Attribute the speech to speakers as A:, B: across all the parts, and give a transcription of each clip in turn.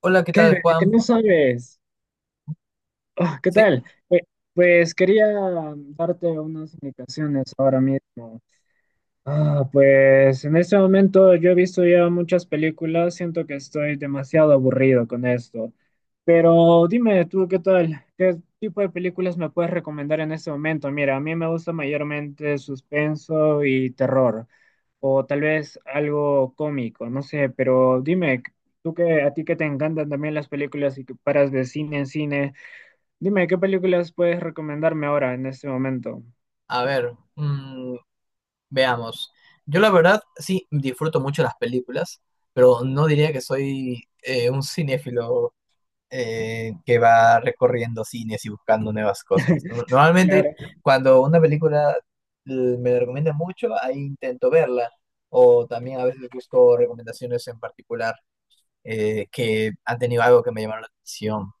A: Hola, ¿qué tal,
B: Kelvin, ¿qué
A: Juan?
B: no sabes? Ah, ¿qué
A: Sí,
B: tal? Pues, quería darte unas indicaciones ahora mismo. Ah, pues en este momento yo he visto ya muchas películas, siento que estoy demasiado aburrido con esto. Pero dime tú, ¿qué tal? ¿Qué tipo de películas me puedes recomendar en este momento? Mira, a mí me gusta mayormente suspenso y terror o tal vez algo cómico, no sé, pero dime, tú que a ti que te encantan también las películas y que paras de cine en cine, dime, ¿qué películas puedes recomendarme ahora en este momento?
A: a ver, veamos. Yo la verdad sí disfruto mucho las películas, pero no diría que soy un cinéfilo que va recorriendo cines y buscando nuevas cosas. Normalmente
B: Claro.
A: cuando una película eh, me la recomienda mucho, ahí intento verla, o también a veces busco recomendaciones en particular que han tenido algo que me llamaron la atención.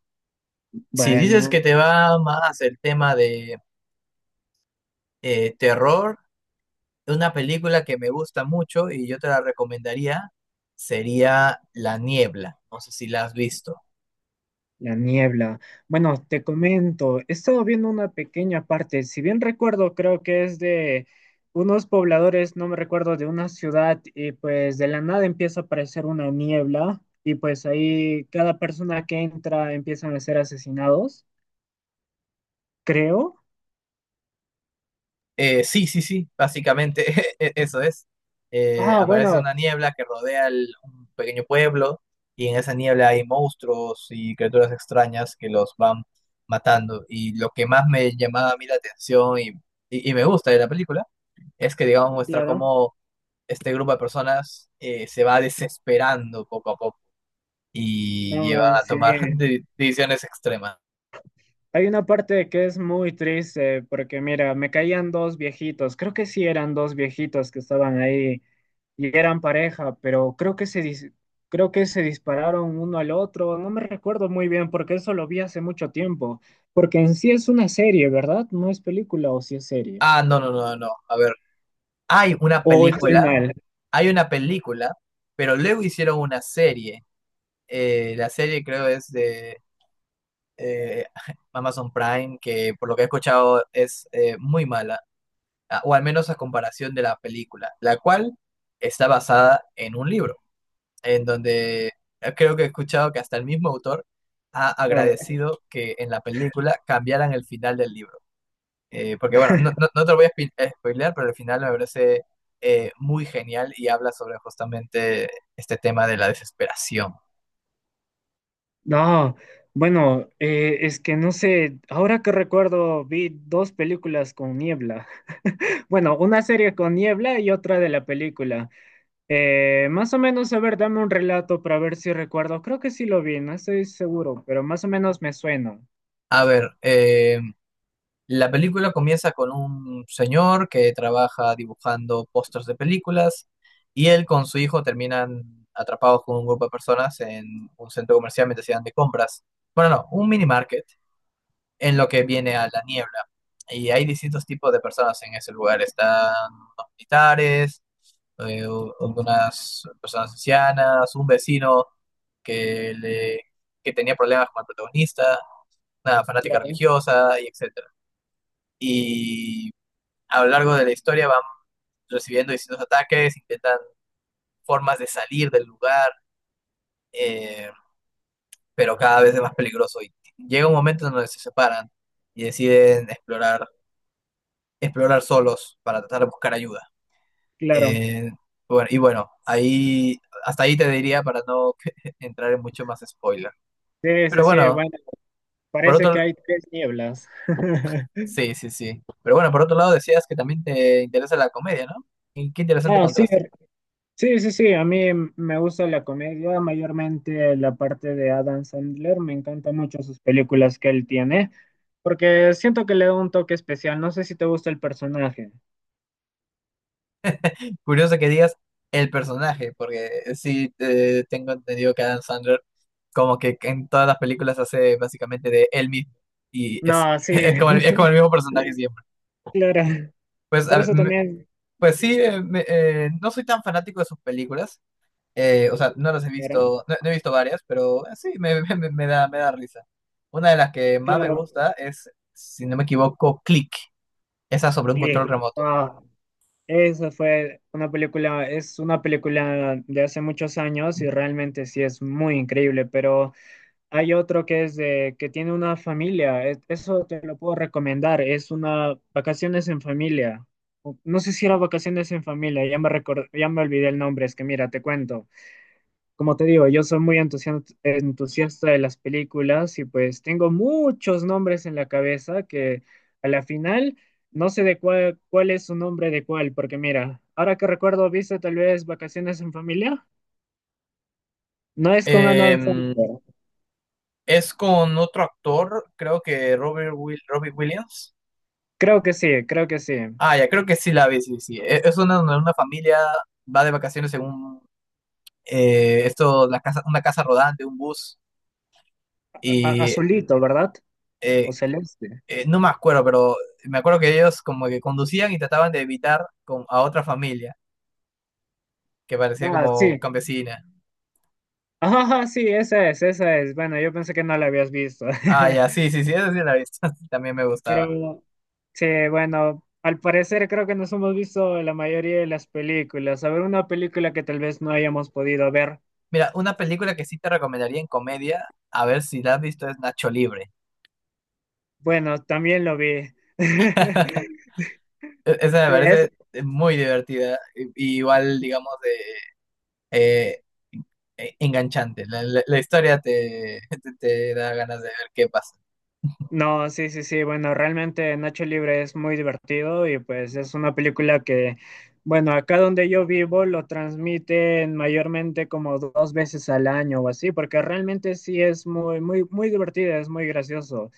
A: Si dices
B: Bueno,
A: que te va más el tema de terror, una película que me gusta mucho y yo te la recomendaría sería La Niebla. No sé si la has visto.
B: la niebla. Bueno, te comento, he estado viendo una pequeña parte, si bien recuerdo, creo que es de unos pobladores, no me recuerdo, de una ciudad y pues de la nada empieza a aparecer una niebla y pues ahí cada persona que entra empiezan a ser asesinados. Creo.
A: Sí, sí, sí, básicamente eso es.
B: Ah,
A: Aparece
B: bueno.
A: una niebla que rodea un pequeño pueblo y en esa niebla hay monstruos y criaturas extrañas que los van matando. Y lo que más me llamaba a mí la atención y me gusta de la película es que, digamos, muestra
B: Claro.
A: cómo este grupo de personas se va desesperando poco a poco y llevan
B: No,
A: a
B: sí.
A: tomar decisiones extremas.
B: Hay una parte que es muy triste porque mira, me caían dos viejitos, creo que sí eran dos viejitos que estaban ahí y eran pareja, pero creo que se creo que se dispararon uno al otro, no me recuerdo muy bien porque eso lo vi hace mucho tiempo, porque en sí es una serie, ¿verdad? No es película o sí es serie.
A: Ah, no, no, no, no. A ver, hay una
B: O estoy
A: película,
B: mal.
A: hay una película, pero luego hicieron una serie. La serie creo es de eh, Amazon Prime, que por lo que he escuchado es muy mala, ah, o al menos a comparación de la película, la cual está basada en un libro, en donde creo que he escuchado que hasta el mismo autor ha agradecido que en la película cambiaran el final del libro. Porque bueno, no, no, no te lo voy a spoilear, pero al final me parece muy genial y habla sobre justamente este tema de la desesperación.
B: No, bueno, es que no sé, ahora que recuerdo, vi dos películas con niebla. Bueno, una serie con niebla y otra de la película. Más o menos, a ver, dame un relato para ver si recuerdo. Creo que sí lo vi, no estoy seguro, pero más o menos me suena.
A: A ver, la película comienza con un señor que trabaja dibujando pósters de películas y él con su hijo terminan atrapados con un grupo de personas en un centro comercial mientras se dan de compras. Bueno, no, un mini market en lo que viene a la niebla. Y hay distintos tipos de personas en ese lugar. Están los militares, algunas personas ancianas, un vecino que, le, que tenía problemas con el protagonista, una fanática
B: Claro,
A: religiosa, y etcétera. Y a lo largo de la historia van recibiendo distintos ataques, intentan formas de salir del lugar, eh, pero cada vez es más peligroso. Y llega un momento en donde se separan y deciden explorar solos para tratar de buscar ayuda.
B: claro.
A: Eh, bueno, y bueno, ahí, hasta ahí te diría para no entrar en mucho más spoiler.
B: Sí,
A: Pero
B: sí, sí,
A: bueno,
B: bueno,
A: por
B: parece que
A: otro,
B: hay tres nieblas.
A: sí, sí, sí. Pero bueno, por otro lado decías que también te interesa la comedia, ¿no? Y qué interesante
B: Ah, sí.
A: contraste.
B: Sí, sí, sí, a mí me gusta la comedia, mayormente la parte de Adam Sandler, me encantan mucho sus películas que él tiene, porque siento que le da un toque especial, no sé si te gusta el personaje.
A: Curioso que digas el personaje, porque sí tengo entendido que Adam Sandler como que en todas las películas hace básicamente de él mismo y
B: No, sí,
A: es como el mismo personaje siempre.
B: claro,
A: Pues
B: por
A: a-
B: eso también,
A: Pues sí, no soy tan fanático de sus películas. Eh, o sea, no las he
B: era-
A: visto, no, no he visto varias, pero sí, me da risa. Una de las que más me
B: claro,
A: gusta es, si no me equivoco, Click, esa sobre un control
B: click.
A: remoto.
B: Ah, esa fue una película, es una película de hace muchos años y realmente sí es muy increíble, pero... Hay otro que es de que tiene una familia. Eso te lo puedo recomendar. Es una vacaciones en familia. No sé si era vacaciones en familia, ya me ya me olvidé el nombre, es que mira, te cuento. Como te digo, yo soy muy entusiasta de las películas y pues tengo muchos nombres en la cabeza que a la final no sé de cuál, cuál es su nombre de cuál, porque mira, ahora que recuerdo, ¿viste tal vez Vacaciones en Familia? No es con Adam
A: Em,
B: Sandler.
A: es con otro actor, creo que Robert Will, Robbie Williams.
B: Creo que sí, creo que sí.
A: Ah, ya, creo que sí la vi, sí, sí. Es una familia, va de vacaciones en un, una casa rodante, un bus,
B: A-
A: y
B: azulito, ¿verdad?
A: eh,
B: O celeste.
A: no me acuerdo, pero me acuerdo que ellos como que conducían y trataban de a otra familia que parecía
B: Ah,
A: como
B: sí.
A: campesina.
B: Ah, sí, esa es, esa es. Bueno, yo pensé que no la habías visto.
A: Ah, ya, sí, sí, sí, esa sí la he visto, también me gustaba.
B: Pero sí, bueno, al parecer creo que nos hemos visto la mayoría de las películas. A ver, una película que tal vez no hayamos podido ver.
A: Mira, una película que sí te recomendaría en comedia, a ver si la has visto, es Nacho Libre.
B: Bueno, también lo vi.
A: Esa me
B: Sí.
A: parece muy divertida, y igual, digamos, eh, enganchante. La historia te da ganas de ver qué pasa.
B: No, sí, sí, sí. Bueno, realmente Nacho Libre es muy divertido y pues es una película que, bueno, acá donde yo vivo lo transmiten mayormente como dos veces al año o así, porque realmente sí es muy, muy, muy divertida, es muy gracioso.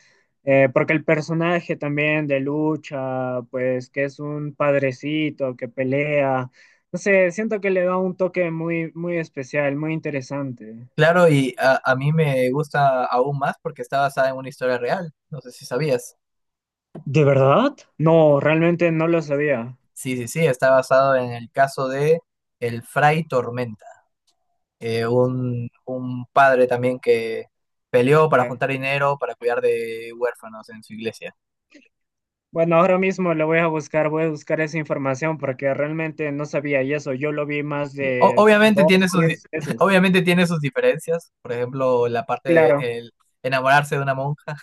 B: Porque el personaje también de lucha, pues que es un padrecito que pelea, no sé, siento que le da un toque muy, muy especial, muy interesante.
A: Claro, y a mí me gusta aún más porque está basada en una historia real. No sé si sabías.
B: ¿De verdad? No, realmente no lo sabía.
A: Sí, sí, sí, está basado en el caso de el Fray Tormenta, un padre también que peleó para juntar dinero para cuidar de huérfanos en su iglesia.
B: Bueno, ahora mismo le voy a buscar esa información porque realmente no sabía y eso. Yo lo vi más
A: Sí.
B: de
A: Obviamente
B: dos, tres veces.
A: obviamente tiene sus diferencias, por ejemplo, la parte de
B: Claro.
A: el enamorarse de una monja,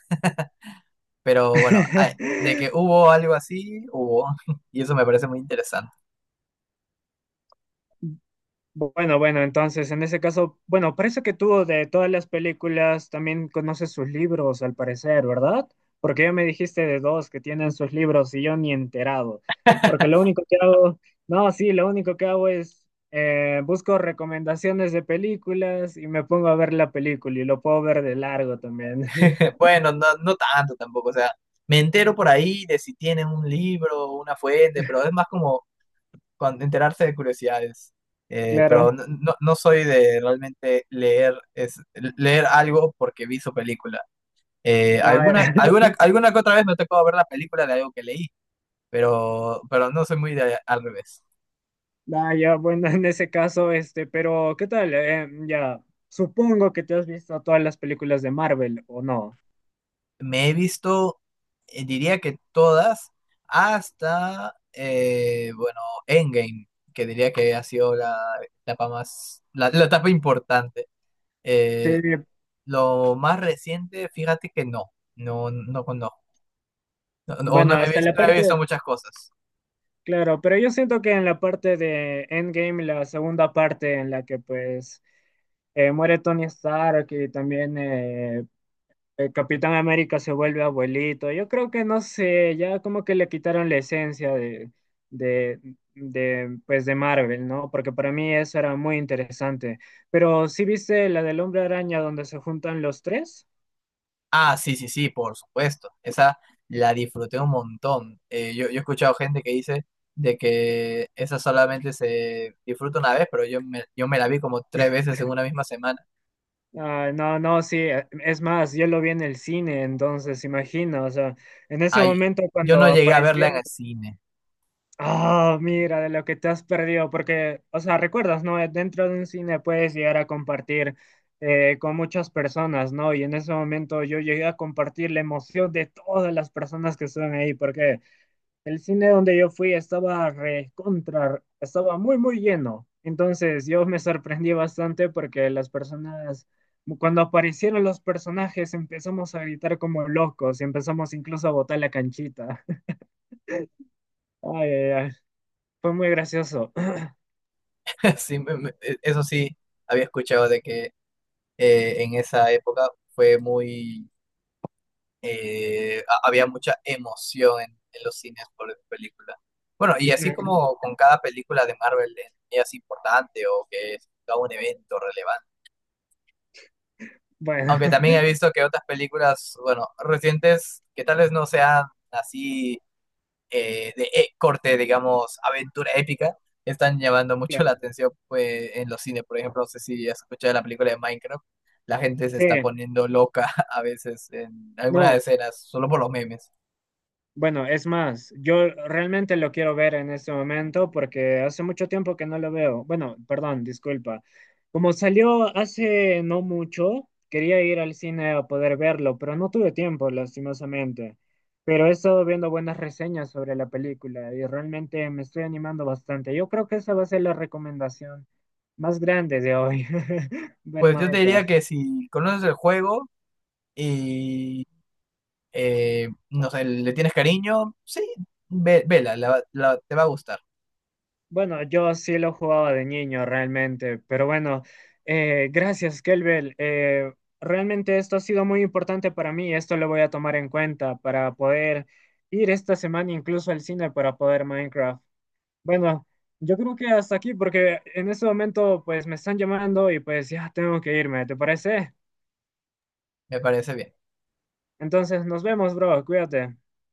A: pero bueno, de que hubo algo así, hubo, y eso me parece muy interesante.
B: Bueno, bueno, entonces en ese caso, bueno, parece que tú de todas las películas también conoces sus libros, al parecer, ¿verdad? Porque ya me dijiste de dos que tienen sus libros y yo ni enterado. Porque lo único que hago, no, sí, lo único que hago es busco recomendaciones de películas y me pongo a ver la película y lo puedo ver de largo también.
A: Bueno, no, no tanto tampoco, o sea, me entero por ahí de si tienen un libro o una fuente, pero es más como cuando enterarse de curiosidades. Pero
B: Claro,
A: no, no, no soy de realmente leer, leer algo porque vi su película.
B: nada,
A: Alguna que otra vez me tocó ver la película de algo que leí, pero no soy muy de, al revés.
B: nada, ya, bueno, en ese caso, este, pero ¿qué tal? Ya, supongo que te has visto todas las películas de Marvel, ¿o no?
A: Me he visto, diría que todas, hasta, bueno, Endgame, que diría que ha sido la etapa importante.
B: Sí,
A: Eh, lo más reciente, fíjate que no, no, no conozco. No, no, o no
B: bueno,
A: he
B: hasta
A: visto,
B: la
A: no he visto
B: parte,
A: muchas cosas.
B: claro, pero yo siento que en la parte de Endgame, la segunda parte en la que pues muere Tony Stark y también el Capitán América se vuelve abuelito, yo creo que no sé, ya como que le quitaron la esencia de, pues de Marvel, ¿no? Porque para mí eso era muy interesante. Pero ¿sí viste la del Hombre Araña donde se juntan los tres?
A: Ah, sí, sí, sí, por supuesto. Esa la disfruté un montón. Yo he escuchado gente que dice de que esa solamente se disfruta una vez, pero yo me la vi como tres veces en una misma semana.
B: Ah, no, no, sí, es más, yo lo vi en el cine, entonces imagina, o sea, en ese
A: Ay,
B: momento
A: yo no
B: cuando
A: llegué a verla
B: apareciera
A: en el cine.
B: ah, mira, de lo que te has perdido, porque, o sea, recuerdas, ¿no? Dentro de un cine puedes llegar a compartir con muchas personas, ¿no? Y en ese momento yo llegué a compartir la emoción de todas las personas que estaban ahí, porque el cine donde yo fui estaba recontra, estaba muy, muy lleno. Entonces yo me sorprendí bastante porque las personas, cuando aparecieron los personajes, empezamos a gritar como locos y empezamos incluso a botar la canchita. Ay, ay, ay. Fue muy gracioso.
A: Sí, eso sí, había escuchado de que en esa época fue muy... había mucha emoción en los cines por esa película. Bueno, y así como con cada película de Marvel es importante o que es todo un evento relevante.
B: Bueno,
A: Aunque también he visto que otras películas, bueno, recientes, que tal vez no sean así de corte, digamos, aventura épica, están llamando mucho la
B: claro.
A: atención pues, en los cines. Por ejemplo, no sé si has escuchado la película de Minecraft, la gente se
B: Sí,
A: está poniendo loca a veces en algunas
B: no.
A: escenas, solo por los memes.
B: Bueno, es más, yo realmente lo quiero ver en este momento porque hace mucho tiempo que no lo veo. Bueno, perdón, disculpa. Como salió hace no mucho, quería ir al cine a poder verlo, pero no tuve tiempo, lastimosamente. Pero he estado viendo buenas reseñas sobre la película y realmente me estoy animando bastante. Yo creo que esa va a ser la recomendación más grande de hoy, ver
A: Pues yo te diría
B: Minecraft.
A: que si conoces el juego y, no sé, le tienes cariño, sí, vela, te va a gustar,
B: Bueno, yo sí lo jugaba de niño realmente, pero bueno, gracias, Kelbel. Realmente esto ha sido muy importante para mí, esto lo voy a tomar en cuenta para poder ir esta semana incluso al cine para poder Minecraft. Bueno, yo creo que hasta aquí, porque en este momento pues me están llamando y pues ya tengo que irme, ¿te parece?
A: me parece bien.
B: Entonces nos vemos, bro, cuídate.